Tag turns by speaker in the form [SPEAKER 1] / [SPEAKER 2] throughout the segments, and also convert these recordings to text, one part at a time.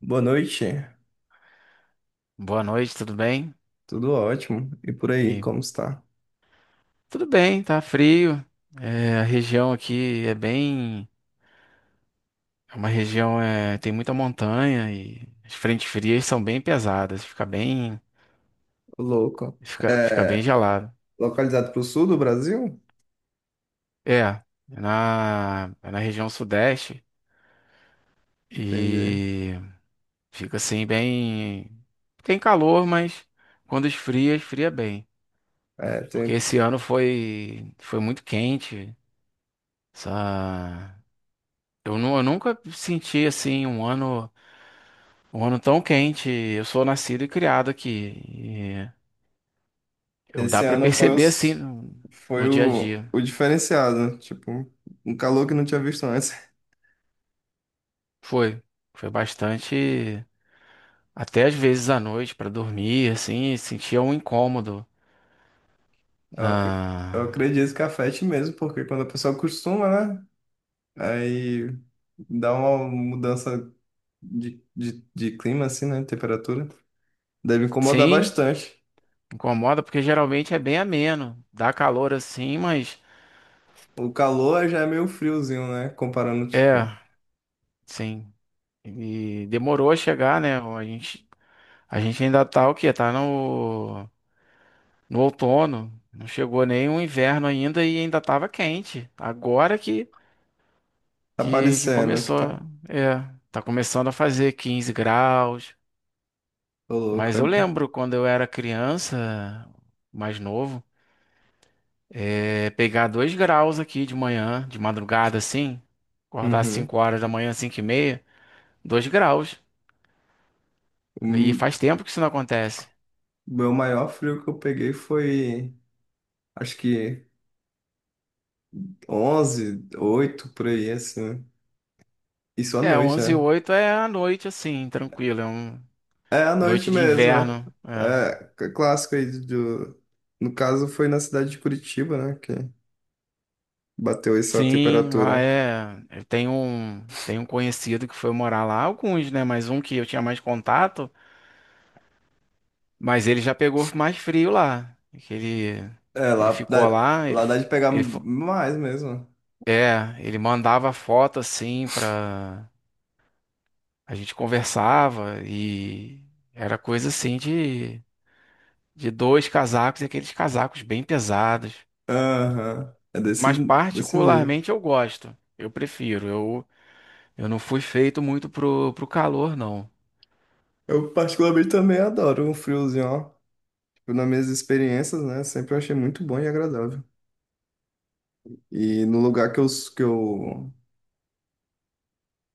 [SPEAKER 1] Boa noite,
[SPEAKER 2] Boa noite, tudo bem?
[SPEAKER 1] tudo ótimo. E por aí,
[SPEAKER 2] E
[SPEAKER 1] como está?
[SPEAKER 2] tudo bem, tá frio. É, a região aqui é bem. É uma região, tem muita montanha e as frentes frias são bem pesadas, fica bem,
[SPEAKER 1] Ô, louco.
[SPEAKER 2] fica, fica bem
[SPEAKER 1] É,
[SPEAKER 2] gelado.
[SPEAKER 1] localizado para o sul do Brasil?
[SPEAKER 2] É, é é na região sudeste
[SPEAKER 1] Entendi.
[SPEAKER 2] e fica assim bem. Tem calor, mas quando esfria, esfria bem.
[SPEAKER 1] É,
[SPEAKER 2] Porque esse ano foi muito quente. Essa... Eu, eu nunca senti assim um ano. Um ano tão quente. Eu sou nascido e criado aqui. E eu dá
[SPEAKER 1] esse
[SPEAKER 2] pra
[SPEAKER 1] ano foi,
[SPEAKER 2] perceber assim
[SPEAKER 1] os,
[SPEAKER 2] no,
[SPEAKER 1] foi
[SPEAKER 2] no dia a
[SPEAKER 1] o,
[SPEAKER 2] dia.
[SPEAKER 1] o diferenciado, tipo, um calor que não tinha visto antes.
[SPEAKER 2] Foi, foi bastante. Até às vezes à noite pra dormir, assim, sentia um incômodo.
[SPEAKER 1] Eu,
[SPEAKER 2] Na...
[SPEAKER 1] ac- eu acredito que afete mesmo, porque quando a pessoa acostuma, né? Aí dá uma mudança de clima, assim, né? Temperatura. Deve incomodar
[SPEAKER 2] Sim,
[SPEAKER 1] bastante.
[SPEAKER 2] incomoda porque geralmente é bem ameno, dá calor assim, mas
[SPEAKER 1] O calor já é meio friozinho, né? Comparando,
[SPEAKER 2] é,
[SPEAKER 1] tipo.
[SPEAKER 2] sim. E demorou a chegar, né? A gente ainda tá o quê? Tá no outono. Não chegou nem o inverno ainda e ainda estava quente. Agora que,
[SPEAKER 1] Tá
[SPEAKER 2] que, que
[SPEAKER 1] parecendo que
[SPEAKER 2] começou.
[SPEAKER 1] tá.
[SPEAKER 2] É, tá começando a fazer 15 graus.
[SPEAKER 1] Tô louco.
[SPEAKER 2] Mas
[SPEAKER 1] É...
[SPEAKER 2] eu lembro quando eu era criança, mais novo, pegar 2 graus aqui de manhã, de madrugada assim, acordar às
[SPEAKER 1] Uhum.
[SPEAKER 2] 5 horas da manhã, 5h30, 2 graus. E
[SPEAKER 1] O
[SPEAKER 2] faz tempo que isso não acontece.
[SPEAKER 1] meu maior frio que eu peguei foi, acho que 11 8 por aí, assim. Isso à
[SPEAKER 2] É,
[SPEAKER 1] noite,
[SPEAKER 2] onze e
[SPEAKER 1] né?
[SPEAKER 2] 8 é a noite assim, tranquila, é uma
[SPEAKER 1] É à
[SPEAKER 2] noite
[SPEAKER 1] noite
[SPEAKER 2] de
[SPEAKER 1] mesmo.
[SPEAKER 2] inverno. É.
[SPEAKER 1] É clássico aí do... No caso, foi na cidade de Curitiba, né? Que bateu essa
[SPEAKER 2] Sim, lá
[SPEAKER 1] temperatura.
[SPEAKER 2] é. Eu tenho um conhecido que foi morar lá, alguns, né? Mas um que eu tinha mais contato, mas ele já pegou mais frio lá. Que Ele,
[SPEAKER 1] É,
[SPEAKER 2] ele
[SPEAKER 1] lá
[SPEAKER 2] ficou
[SPEAKER 1] dá,
[SPEAKER 2] lá, ele,
[SPEAKER 1] lá
[SPEAKER 2] f-
[SPEAKER 1] dá de pegar
[SPEAKER 2] ele, fo-
[SPEAKER 1] mais mesmo.
[SPEAKER 2] é, ele mandava foto assim pra. A gente conversava e era coisa assim de dois casacos e aqueles casacos bem pesados.
[SPEAKER 1] Aham. É desse,
[SPEAKER 2] Mas
[SPEAKER 1] desse nível.
[SPEAKER 2] particularmente eu gosto, eu prefiro. Eu não fui feito muito pro calor, não.
[SPEAKER 1] Eu particularmente também adoro um friozinho, ó, nas minhas experiências, né, sempre eu achei muito bom e agradável. E no lugar que eu,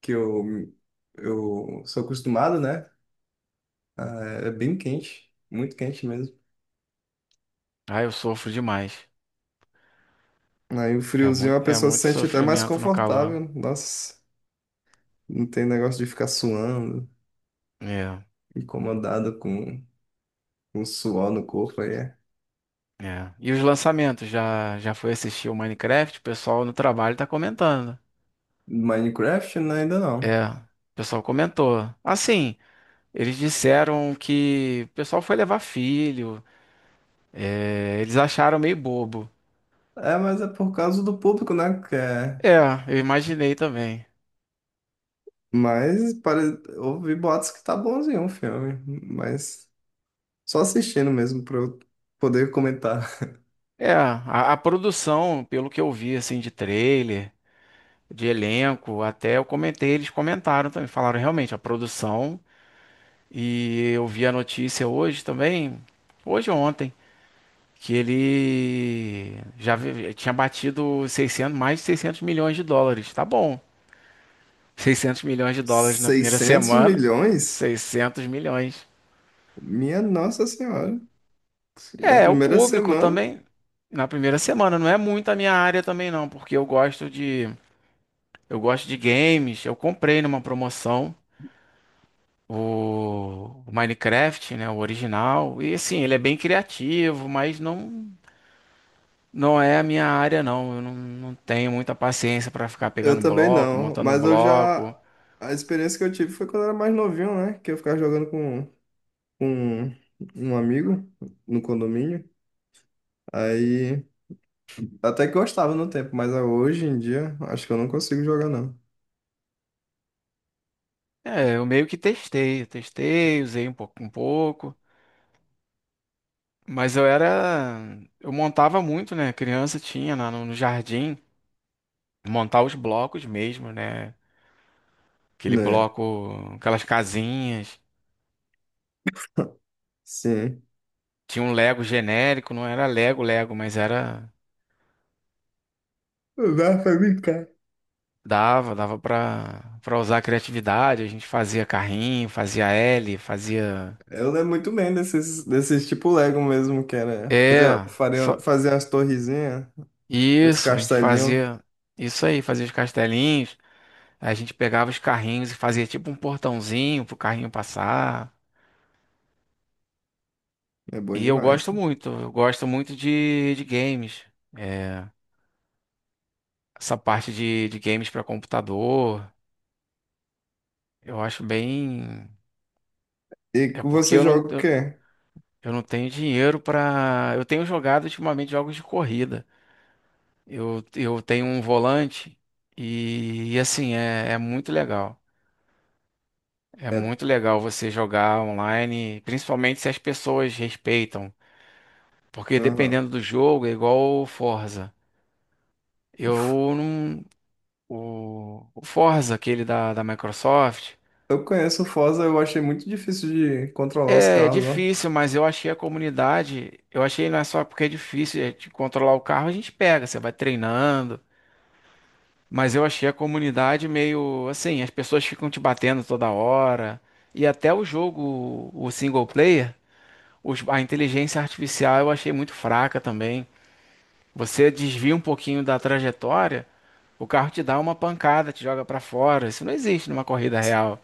[SPEAKER 1] que eu sou acostumado, né, ah, é bem quente, muito quente mesmo.
[SPEAKER 2] Ah, eu sofro demais.
[SPEAKER 1] Aí o
[SPEAKER 2] É
[SPEAKER 1] friozinho
[SPEAKER 2] muito,
[SPEAKER 1] a
[SPEAKER 2] é
[SPEAKER 1] pessoa se
[SPEAKER 2] muito
[SPEAKER 1] sente até mais
[SPEAKER 2] sofrimento no calor.
[SPEAKER 1] confortável. Nossa, não tem negócio de ficar suando,
[SPEAKER 2] É,
[SPEAKER 1] incomodada com o suor no corpo aí. É.
[SPEAKER 2] é. E os lançamentos? Já foi assistir o Minecraft? O pessoal no trabalho tá comentando.
[SPEAKER 1] Minecraft, né, ainda não.
[SPEAKER 2] É, o pessoal comentou. Assim, eles disseram que o pessoal foi levar filho. Eles acharam meio bobo.
[SPEAKER 1] É, mas é por causa do público, né, que é...
[SPEAKER 2] É, eu imaginei também.
[SPEAKER 1] Mas ouvi boatos que tá bonzinho o filme, mas só assistindo mesmo para eu poder comentar.
[SPEAKER 2] É, a produção, pelo que eu vi, assim, de trailer, de elenco, até eu comentei, eles comentaram também. Falaram realmente, a produção. E eu vi a notícia hoje também, hoje ou ontem, que ele já tinha batido 600, mais de 600 milhões de dólares. Tá bom. 600 milhões de dólares na primeira
[SPEAKER 1] Seiscentos
[SPEAKER 2] semana,
[SPEAKER 1] milhões?
[SPEAKER 2] 600 milhões.
[SPEAKER 1] Minha Nossa Senhora. Na
[SPEAKER 2] É, o
[SPEAKER 1] primeira
[SPEAKER 2] público
[SPEAKER 1] semana,
[SPEAKER 2] também na primeira semana, não é muito a minha área também não, porque eu gosto de games, eu comprei numa promoção o Minecraft, né, o original, e assim, ele é bem criativo, mas não. Não é a minha área, não. Eu não tenho muita paciência para ficar
[SPEAKER 1] eu
[SPEAKER 2] pegando
[SPEAKER 1] também
[SPEAKER 2] bloco,
[SPEAKER 1] não.
[SPEAKER 2] montando
[SPEAKER 1] Mas eu já.
[SPEAKER 2] bloco.
[SPEAKER 1] A experiência que eu tive foi quando eu era mais novinho, né? Que eu ficava jogando com um amigo no condomínio. Aí. Até que gostava no tempo, mas hoje em dia, acho que eu não consigo jogar, não.
[SPEAKER 2] É, eu meio que testei, eu testei, usei um pouco, um pouco. Mas eu era, eu montava muito, né? Criança tinha no jardim, montar os blocos mesmo, né? Aquele
[SPEAKER 1] Né?
[SPEAKER 2] bloco, aquelas casinhas.
[SPEAKER 1] Sim.
[SPEAKER 2] Tinha um Lego genérico, não era Lego, Lego, mas era
[SPEAKER 1] Vai pra mim.
[SPEAKER 2] dava, dava para usar a criatividade. A gente fazia carrinho, fazia L, fazia
[SPEAKER 1] Eu lembro muito bem desses tipo Lego mesmo, que era fazer,
[SPEAKER 2] é, só,
[SPEAKER 1] fazer as torrezinhas, os
[SPEAKER 2] isso, a gente
[SPEAKER 1] castelinhos.
[SPEAKER 2] fazia isso aí, fazia os castelinhos, a gente pegava os carrinhos e fazia tipo um portãozinho pro carrinho passar.
[SPEAKER 1] É bom
[SPEAKER 2] E
[SPEAKER 1] demais.
[SPEAKER 2] eu gosto muito de games. É, essa parte de games para computador, eu acho bem.
[SPEAKER 1] E
[SPEAKER 2] É
[SPEAKER 1] que
[SPEAKER 2] porque
[SPEAKER 1] você
[SPEAKER 2] eu não,
[SPEAKER 1] joga o
[SPEAKER 2] eu,
[SPEAKER 1] quê?
[SPEAKER 2] eu não tenho dinheiro pra. Eu tenho jogado ultimamente jogos de corrida. Eu tenho um volante e assim, é muito legal. É
[SPEAKER 1] É,
[SPEAKER 2] muito legal você jogar online, principalmente se as pessoas respeitam, porque
[SPEAKER 1] aham.
[SPEAKER 2] dependendo do jogo, é igual o Forza.
[SPEAKER 1] Uf,
[SPEAKER 2] Eu não. O Forza, aquele da Microsoft,
[SPEAKER 1] eu conheço o Forza, eu achei muito difícil de controlar os
[SPEAKER 2] é
[SPEAKER 1] carros, ó.
[SPEAKER 2] difícil, mas eu achei a comunidade. Eu achei não é só porque é difícil é, de controlar o carro, a gente pega, você vai treinando. Mas eu achei a comunidade meio assim, as pessoas ficam te batendo toda hora. E até o jogo, o single player. A inteligência artificial eu achei muito fraca também. Você desvia um pouquinho da trajetória, o carro te dá uma pancada, te joga para fora. Isso não existe numa corrida real.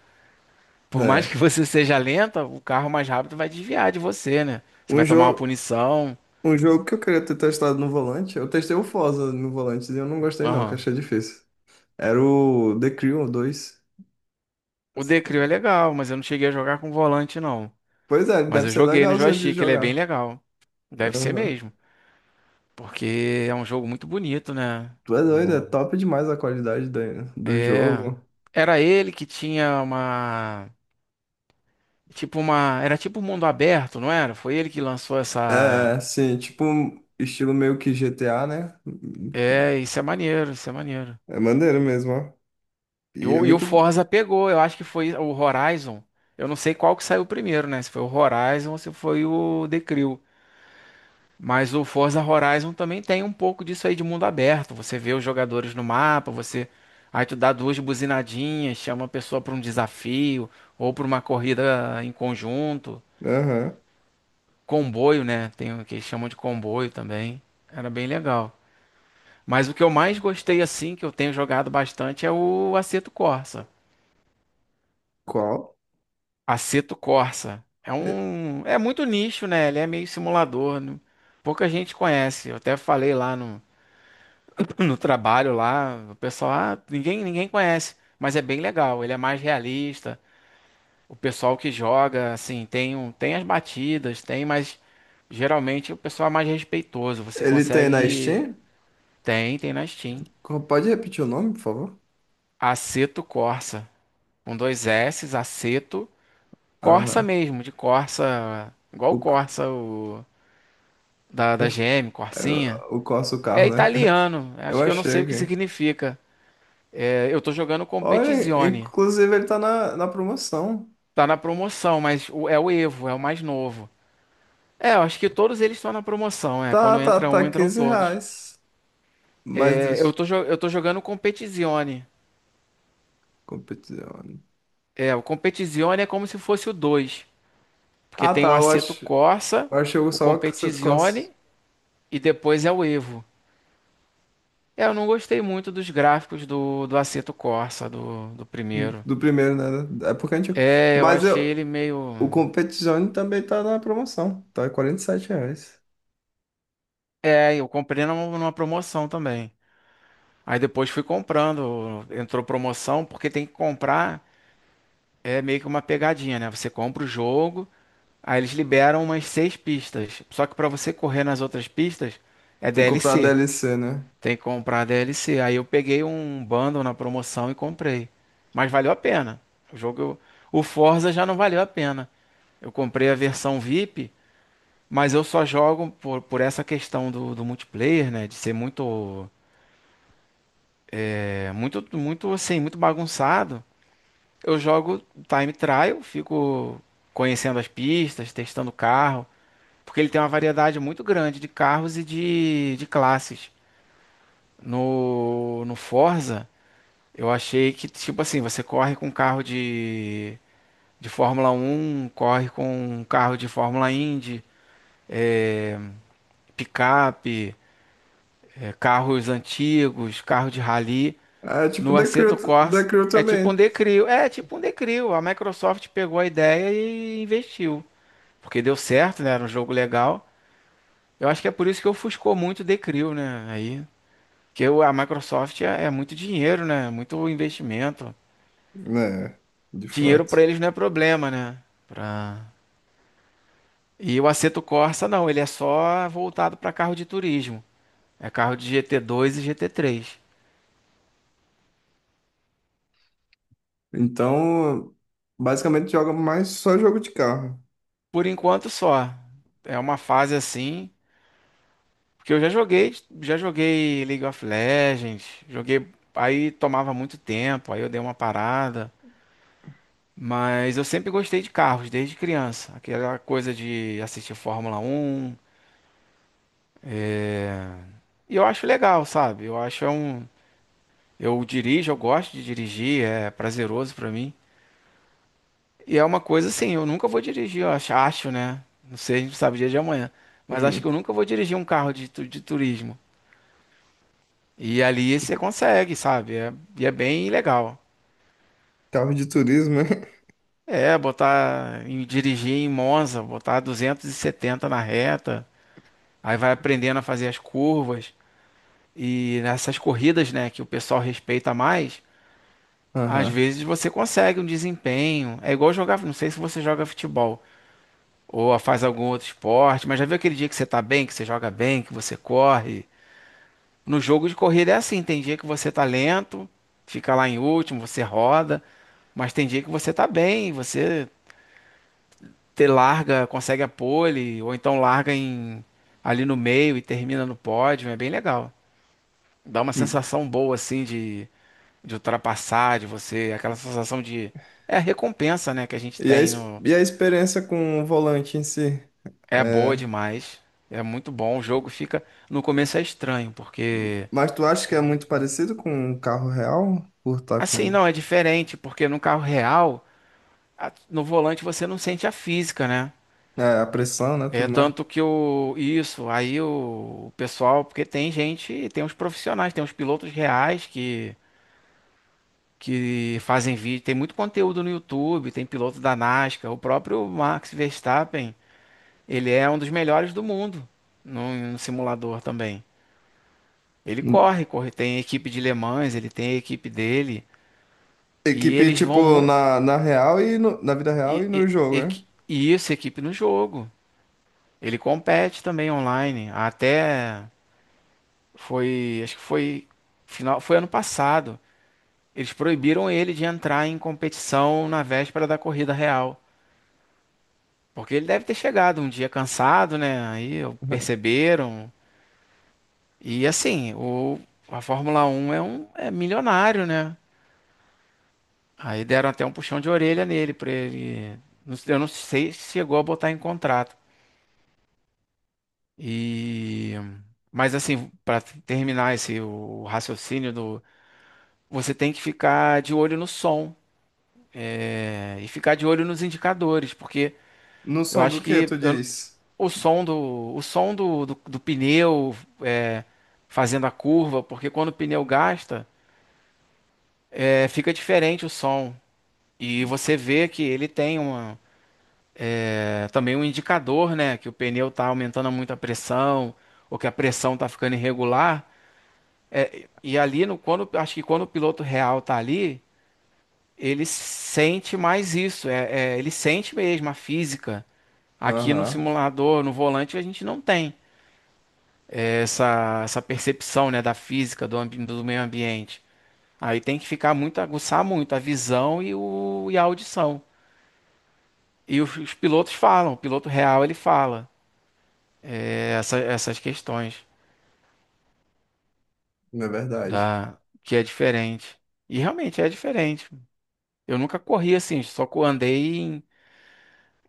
[SPEAKER 2] Por mais
[SPEAKER 1] É.
[SPEAKER 2] que você seja lenta, o carro mais rápido vai desviar de você, né? Você
[SPEAKER 1] Um
[SPEAKER 2] vai tomar uma
[SPEAKER 1] jogo,
[SPEAKER 2] punição.
[SPEAKER 1] um jogo que eu queria ter testado no volante, eu testei o Forza no volante e eu não gostei não, que
[SPEAKER 2] Aham.
[SPEAKER 1] eu achei difícil. Era o The Crew 2.
[SPEAKER 2] O Decrew é legal, mas eu não cheguei a jogar com volante, não.
[SPEAKER 1] Pois é,
[SPEAKER 2] Mas
[SPEAKER 1] deve
[SPEAKER 2] eu
[SPEAKER 1] ser
[SPEAKER 2] joguei no
[SPEAKER 1] legalzinho de
[SPEAKER 2] joystick, ele é bem
[SPEAKER 1] jogar.
[SPEAKER 2] legal. Deve ser
[SPEAKER 1] Aham.
[SPEAKER 2] mesmo, porque é um jogo muito bonito, né?
[SPEAKER 1] Tu é doido, é
[SPEAKER 2] O-
[SPEAKER 1] top demais a qualidade da- do
[SPEAKER 2] É.
[SPEAKER 1] jogo.
[SPEAKER 2] Era ele que tinha uma. Tipo uma. Era tipo um mundo aberto, não era? Foi ele que lançou essa.
[SPEAKER 1] É, sim, tipo, um estilo meio que GTA, né?
[SPEAKER 2] É, isso é maneiro, isso é maneiro.
[SPEAKER 1] É maneiro mesmo, ó.
[SPEAKER 2] E
[SPEAKER 1] E é
[SPEAKER 2] o, e o
[SPEAKER 1] muito.
[SPEAKER 2] Forza pegou, eu acho que foi o Horizon. Eu não sei qual que saiu primeiro, né? Se foi o Horizon ou se foi o The Crew. Mas o Forza Horizon também tem um pouco disso aí de mundo aberto. Você vê os jogadores no mapa, você. Aí tu dá duas buzinadinhas, chama a pessoa para um desafio ou para uma corrida em conjunto.
[SPEAKER 1] Aham.
[SPEAKER 2] Comboio, né? Tem o que eles chamam de comboio também. Era bem legal. Mas o que eu mais gostei assim, que eu tenho jogado bastante, é o Assetto Corsa.
[SPEAKER 1] Qual?
[SPEAKER 2] Assetto Corsa é
[SPEAKER 1] E-
[SPEAKER 2] um, é muito nicho, né? Ele é meio simulador, né? Pouca gente conhece. Eu até falei lá no trabalho lá, o pessoal, ah, ninguém conhece, mas é bem legal. Ele é mais realista. O pessoal que joga, assim, tem um, tem as batidas, tem, mas geralmente o pessoal é mais respeitoso. Você
[SPEAKER 1] Ele tem na
[SPEAKER 2] consegue,
[SPEAKER 1] Steam?
[SPEAKER 2] tem, tem na Steam.
[SPEAKER 1] Pode repetir o nome, por favor?
[SPEAKER 2] Assetto Corsa, com dois S, Assetto Corsa
[SPEAKER 1] Aham.
[SPEAKER 2] mesmo, de Corsa, igual o
[SPEAKER 1] O, c-
[SPEAKER 2] Corsa o, da
[SPEAKER 1] ach-
[SPEAKER 2] GM,
[SPEAKER 1] é,
[SPEAKER 2] Corsinha.
[SPEAKER 1] o Corsa, o
[SPEAKER 2] É
[SPEAKER 1] carro, né?
[SPEAKER 2] italiano,
[SPEAKER 1] Eu
[SPEAKER 2] acho que eu não sei
[SPEAKER 1] achei
[SPEAKER 2] o que
[SPEAKER 1] aqui.
[SPEAKER 2] significa. É, eu tô jogando
[SPEAKER 1] Olha,
[SPEAKER 2] Competizione.
[SPEAKER 1] inclusive ele tá na, na promoção.
[SPEAKER 2] Tá na promoção, mas é o Evo, é o mais novo. É, eu acho que todos eles estão na promoção, é.
[SPEAKER 1] Tá,
[SPEAKER 2] Quando
[SPEAKER 1] tá,
[SPEAKER 2] entra um,
[SPEAKER 1] tá
[SPEAKER 2] entram
[SPEAKER 1] 15
[SPEAKER 2] todos.
[SPEAKER 1] reais. Mas
[SPEAKER 2] É, eu
[SPEAKER 1] deixa.
[SPEAKER 2] tô jogando Competizione.
[SPEAKER 1] Competição.
[SPEAKER 2] É, o Competizione é como se fosse o 2, porque
[SPEAKER 1] Ah,
[SPEAKER 2] tem
[SPEAKER 1] tá,
[SPEAKER 2] o
[SPEAKER 1] eu
[SPEAKER 2] Assetto
[SPEAKER 1] acho.
[SPEAKER 2] Corsa,
[SPEAKER 1] Eu achei
[SPEAKER 2] o
[SPEAKER 1] só o Corsa.
[SPEAKER 2] Competizione e depois é o Evo. É, eu não gostei muito dos gráficos do Assetto Corsa, do primeiro.
[SPEAKER 1] Do primeiro, né? É porque a gente.
[SPEAKER 2] É, eu
[SPEAKER 1] Mas
[SPEAKER 2] achei
[SPEAKER 1] eu,
[SPEAKER 2] ele meio.
[SPEAKER 1] o Competizione também tá na promoção. Tá R$ 47.
[SPEAKER 2] É, eu comprei numa promoção também. Aí depois fui comprando, entrou promoção, porque tem que comprar, é meio que uma pegadinha, né? Você compra o jogo, aí eles liberam umas seis pistas. Só que pra você correr nas outras pistas, é
[SPEAKER 1] Tem que comprar a
[SPEAKER 2] DLC.
[SPEAKER 1] DLC, né?
[SPEAKER 2] Tem que comprar DLC. Aí eu peguei um bundle na promoção e comprei. Mas valeu a pena. O jogo, o Forza já não valeu a pena. Eu comprei a versão VIP, mas eu só jogo por essa questão do multiplayer, né? De ser muito, muito, muito assim, muito bagunçado. Eu jogo time trial, fico conhecendo as pistas, testando o carro, porque ele tem uma variedade muito grande de carros e de classes. No Forza, eu achei que, tipo assim, você corre com carro de Fórmula 1, corre com um carro de Fórmula Indy, picape. Carros antigos, carro de rally.
[SPEAKER 1] É tipo
[SPEAKER 2] No
[SPEAKER 1] The Crew,
[SPEAKER 2] Assetto
[SPEAKER 1] The
[SPEAKER 2] Corsa
[SPEAKER 1] Crew
[SPEAKER 2] é tipo um
[SPEAKER 1] também.
[SPEAKER 2] Decrio. É tipo um Decrio. A Microsoft pegou a ideia e investiu. Porque deu certo, né? Era um jogo legal. Eu acho que é por isso que ofuscou muito o Decrio, né? Aí, a Microsoft é muito dinheiro, né? Muito investimento.
[SPEAKER 1] Né, de
[SPEAKER 2] Dinheiro
[SPEAKER 1] fato.
[SPEAKER 2] para eles não é problema, né? Pra... E o Assetto Corsa não, ele é só voltado para carro de turismo. É carro de GT2 e GT3.
[SPEAKER 1] Então, basicamente joga mais só jogo de carro.
[SPEAKER 2] Por enquanto só. É uma fase assim. Porque eu já joguei League of Legends, joguei, aí tomava muito tempo, aí eu dei uma parada, mas eu sempre gostei de carros desde criança, aquela coisa de assistir Fórmula 1, e eu acho legal, sabe? Eu acho é um, eu dirijo, eu gosto de dirigir, é prazeroso pra mim. E é uma coisa assim, eu nunca vou dirigir, eu acho, né? Não sei, a gente não sabe o dia de amanhã, mas acho que
[SPEAKER 1] Hum,
[SPEAKER 2] eu nunca vou dirigir um carro de turismo. E ali você consegue, sabe? E é bem legal.
[SPEAKER 1] Carro de turismo, né?
[SPEAKER 2] É, botar em dirigir em Monza, botar 270 na reta, aí vai aprendendo a fazer as curvas e nessas corridas, né, que o pessoal respeita mais, às
[SPEAKER 1] Aham.
[SPEAKER 2] vezes você consegue um desempenho. É igual jogar, não sei se você joga futebol ou faz algum outro esporte, mas já viu aquele dia que você tá bem, que você joga bem, que você corre? No jogo de corrida é assim, tem dia que você tá lento, fica lá em último, você roda, mas tem dia que você tá bem, você ter larga, consegue a pole, ou então larga em, ali no meio e termina no pódio, é bem legal. Dá uma
[SPEAKER 1] Hum.
[SPEAKER 2] sensação boa assim de ultrapassar, de você, aquela sensação de é a recompensa, né, que a gente
[SPEAKER 1] E a,
[SPEAKER 2] tem
[SPEAKER 1] ex-
[SPEAKER 2] no
[SPEAKER 1] e a experiência com o volante em si?
[SPEAKER 2] é boa
[SPEAKER 1] É,
[SPEAKER 2] demais. É muito bom, o jogo fica no começo é estranho, porque
[SPEAKER 1] mas tu acha que é muito parecido com um carro real? Por estar
[SPEAKER 2] assim
[SPEAKER 1] com
[SPEAKER 2] não é diferente, porque no carro real, no volante você não sente a física, né?
[SPEAKER 1] a pressão, né?
[SPEAKER 2] É
[SPEAKER 1] Tudo mais.
[SPEAKER 2] tanto que o isso, aí o pessoal, porque tem gente, tem uns profissionais, tem uns pilotos reais que fazem vídeo, tem muito conteúdo no YouTube, tem piloto da NASCAR, o próprio Max Verstappen, ele é um dos melhores do mundo no simulador também. Ele corre, corre, tem equipe de Le Mans, ele tem a equipe dele e
[SPEAKER 1] Equipe,
[SPEAKER 2] eles vão
[SPEAKER 1] tipo,
[SPEAKER 2] muito
[SPEAKER 1] na real e na vida real
[SPEAKER 2] e,
[SPEAKER 1] e no
[SPEAKER 2] e,
[SPEAKER 1] jogo,
[SPEAKER 2] e,
[SPEAKER 1] né?
[SPEAKER 2] e isso, equipe no jogo. Ele compete também online, até foi, acho que foi final, foi ano passado. Eles proibiram ele de entrar em competição na véspera da corrida real, porque ele deve ter chegado um dia cansado, né? Aí perceberam. E assim, o a Fórmula um é milionário, né? Aí deram até um puxão de orelha nele para ele, não eu não sei se chegou a botar em contrato. E mas assim, para terminar esse o raciocínio do você tem que ficar de olho no som. É, e ficar de olho nos indicadores, porque
[SPEAKER 1] No
[SPEAKER 2] eu
[SPEAKER 1] som do
[SPEAKER 2] acho
[SPEAKER 1] que
[SPEAKER 2] que
[SPEAKER 1] tu
[SPEAKER 2] eu-
[SPEAKER 1] diz?
[SPEAKER 2] o som do, o som do pneu é, fazendo a curva, porque quando o pneu gasta, é, fica diferente o som. E você vê que ele tem uma, é, também um indicador, né? Que o pneu está aumentando muito a pressão, ou que a pressão está ficando irregular. E ali, no, quando, acho que quando o piloto real tá ali, ele sente mais isso. É, é, ele sente mesmo a física. Aqui no
[SPEAKER 1] Aham,
[SPEAKER 2] simulador, no volante, a gente não tem essa, essa percepção, né, da física, do meio ambiente. Aí tem que ficar muito, aguçar muito a visão e, o, e a audição. E os pilotos falam, o piloto real ele fala é, essas questões
[SPEAKER 1] é verdade.
[SPEAKER 2] da que é diferente. E realmente é diferente. Eu nunca corri assim, andei em,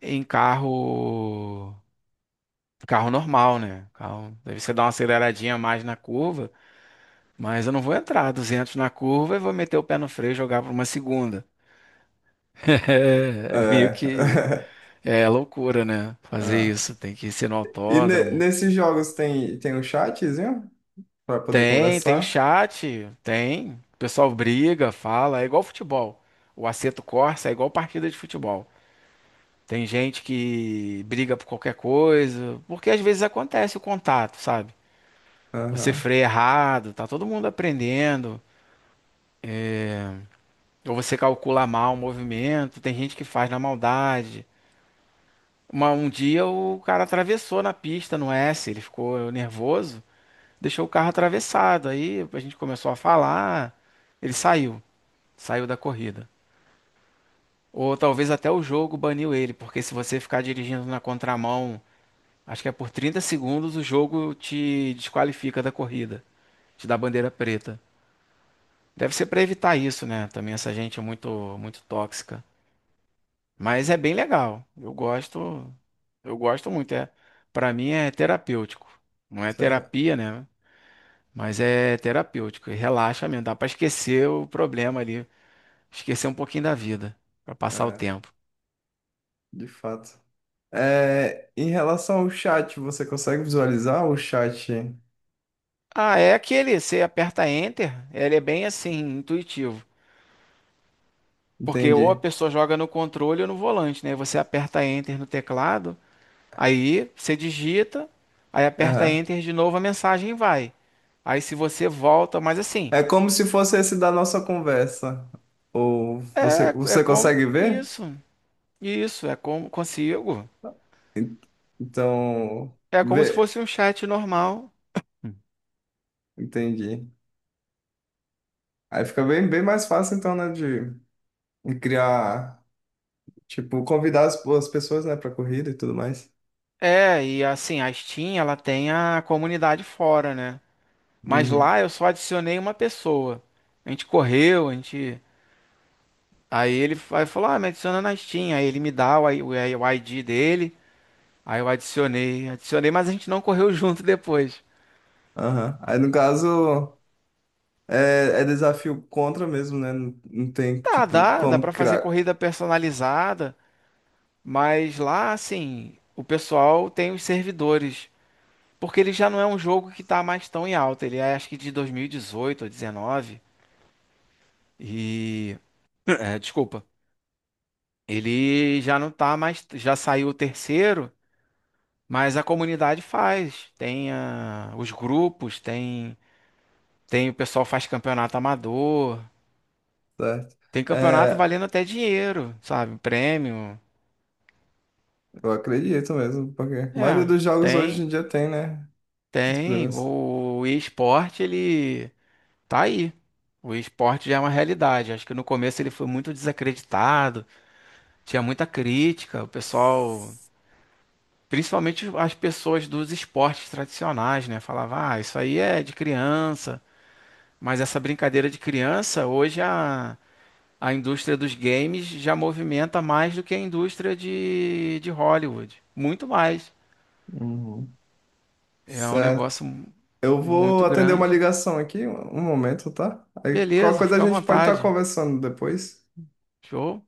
[SPEAKER 2] em carro carro normal, né? Carro, deve você dar uma aceleradinha a mais na curva, mas eu não vou entrar 200 na curva e vou meter o pé no freio e jogar para uma segunda. É, é meio
[SPEAKER 1] É.
[SPEAKER 2] que é loucura, né? Fazer
[SPEAKER 1] Ah.
[SPEAKER 2] isso, tem que ser no
[SPEAKER 1] E
[SPEAKER 2] autódromo.
[SPEAKER 1] nesses jogos tem um chatzinho pra poder
[SPEAKER 2] Tem, tem o
[SPEAKER 1] conversar?
[SPEAKER 2] chat, tem. O pessoal briga, fala, é igual futebol. O Assetto Corsa é igual partida de futebol. Tem gente que briga por qualquer coisa, porque às vezes acontece o contato, sabe? Você
[SPEAKER 1] Aham.
[SPEAKER 2] freia errado, tá todo mundo aprendendo, ou você calcula mal o movimento, tem gente que faz na maldade. Um dia o cara atravessou na pista no S, ele ficou nervoso, deixou o carro atravessado. Aí a gente começou a falar, ele saiu, saiu da corrida. Ou talvez até o jogo baniu ele, porque se você ficar dirigindo na contramão, acho que é por 30 segundos, o jogo te desqualifica da corrida, te dá bandeira preta. Deve ser para evitar isso, né? Também essa gente é muito, muito tóxica. Mas é bem legal. Eu gosto muito. É, para mim é terapêutico. Não é
[SPEAKER 1] Cê-
[SPEAKER 2] terapia, né? Mas é terapêutico, e relaxa mesmo, dá pra esquecer o problema ali, esquecer um pouquinho da vida, pra passar o
[SPEAKER 1] É,
[SPEAKER 2] tempo.
[SPEAKER 1] de fato. É, em relação ao chat, você consegue visualizar o chat?
[SPEAKER 2] Ah, é aquele, você aperta Enter, ele é bem assim, intuitivo. Porque ou a
[SPEAKER 1] Entendi.
[SPEAKER 2] pessoa joga no controle ou no volante, né? Você aperta Enter no teclado, aí você digita, aí aperta
[SPEAKER 1] Aham.
[SPEAKER 2] Enter de novo, a mensagem vai. Aí se você volta, mas assim,
[SPEAKER 1] É como se fosse esse da nossa conversa. Ou você,
[SPEAKER 2] é, é
[SPEAKER 1] você
[SPEAKER 2] como
[SPEAKER 1] consegue ver?
[SPEAKER 2] isso, é como consigo.
[SPEAKER 1] Então,
[SPEAKER 2] É como se
[SPEAKER 1] vê,
[SPEAKER 2] fosse um chat normal.
[SPEAKER 1] entendi. Aí fica bem, bem mais fácil, então, né, de criar, tipo, convidar as pessoas, né, pra corrida e tudo mais.
[SPEAKER 2] É, e assim, a Steam, ela tem a comunidade fora, né? Mas
[SPEAKER 1] Uhum,
[SPEAKER 2] lá eu só adicionei uma pessoa. A gente correu, a gente. Aí ele falou: Ah, me adiciona na Steam. Aí ele me dá o ID dele. Aí eu adicionei, adicionei, mas a gente não correu junto depois.
[SPEAKER 1] aham. Aí, no caso, é desafio contra mesmo, né? Não, não tem,
[SPEAKER 2] Tá,
[SPEAKER 1] tipo,
[SPEAKER 2] dá, dá
[SPEAKER 1] como
[SPEAKER 2] pra fazer
[SPEAKER 1] criar,
[SPEAKER 2] corrida personalizada. Mas lá, assim, o pessoal tem os servidores. Porque ele já não é um jogo que tá mais tão em alta. Ele é acho que de 2018 ou 19. E. É, desculpa. Ele já não tá mais, já saiu o terceiro, mas a comunidade faz. Tem ah, os grupos, tem, tem o pessoal faz campeonato amador,
[SPEAKER 1] certo?
[SPEAKER 2] tem campeonato
[SPEAKER 1] É,
[SPEAKER 2] valendo até dinheiro, sabe? Prêmio.
[SPEAKER 1] eu acredito mesmo, porque a maioria
[SPEAKER 2] É,
[SPEAKER 1] dos jogos hoje em
[SPEAKER 2] tem,
[SPEAKER 1] dia tem, né, os
[SPEAKER 2] tem.
[SPEAKER 1] problemas.
[SPEAKER 2] O esporte ele tá aí. O esporte já é uma realidade. Acho que no começo ele foi muito desacreditado, tinha muita crítica, o pessoal. Principalmente as pessoas dos esportes tradicionais, né? Falava, ah, isso aí é de criança. Mas essa brincadeira de criança, hoje a indústria dos games já movimenta mais do que a indústria de Hollywood. Muito mais.
[SPEAKER 1] Uhum.
[SPEAKER 2] É um
[SPEAKER 1] Certo.
[SPEAKER 2] negócio
[SPEAKER 1] Eu vou
[SPEAKER 2] muito
[SPEAKER 1] atender uma
[SPEAKER 2] grande.
[SPEAKER 1] ligação aqui, um momento, tá? Aí qualquer
[SPEAKER 2] Beleza,
[SPEAKER 1] coisa a
[SPEAKER 2] fica à
[SPEAKER 1] gente pode estar
[SPEAKER 2] vontade.
[SPEAKER 1] conversando depois.
[SPEAKER 2] Show.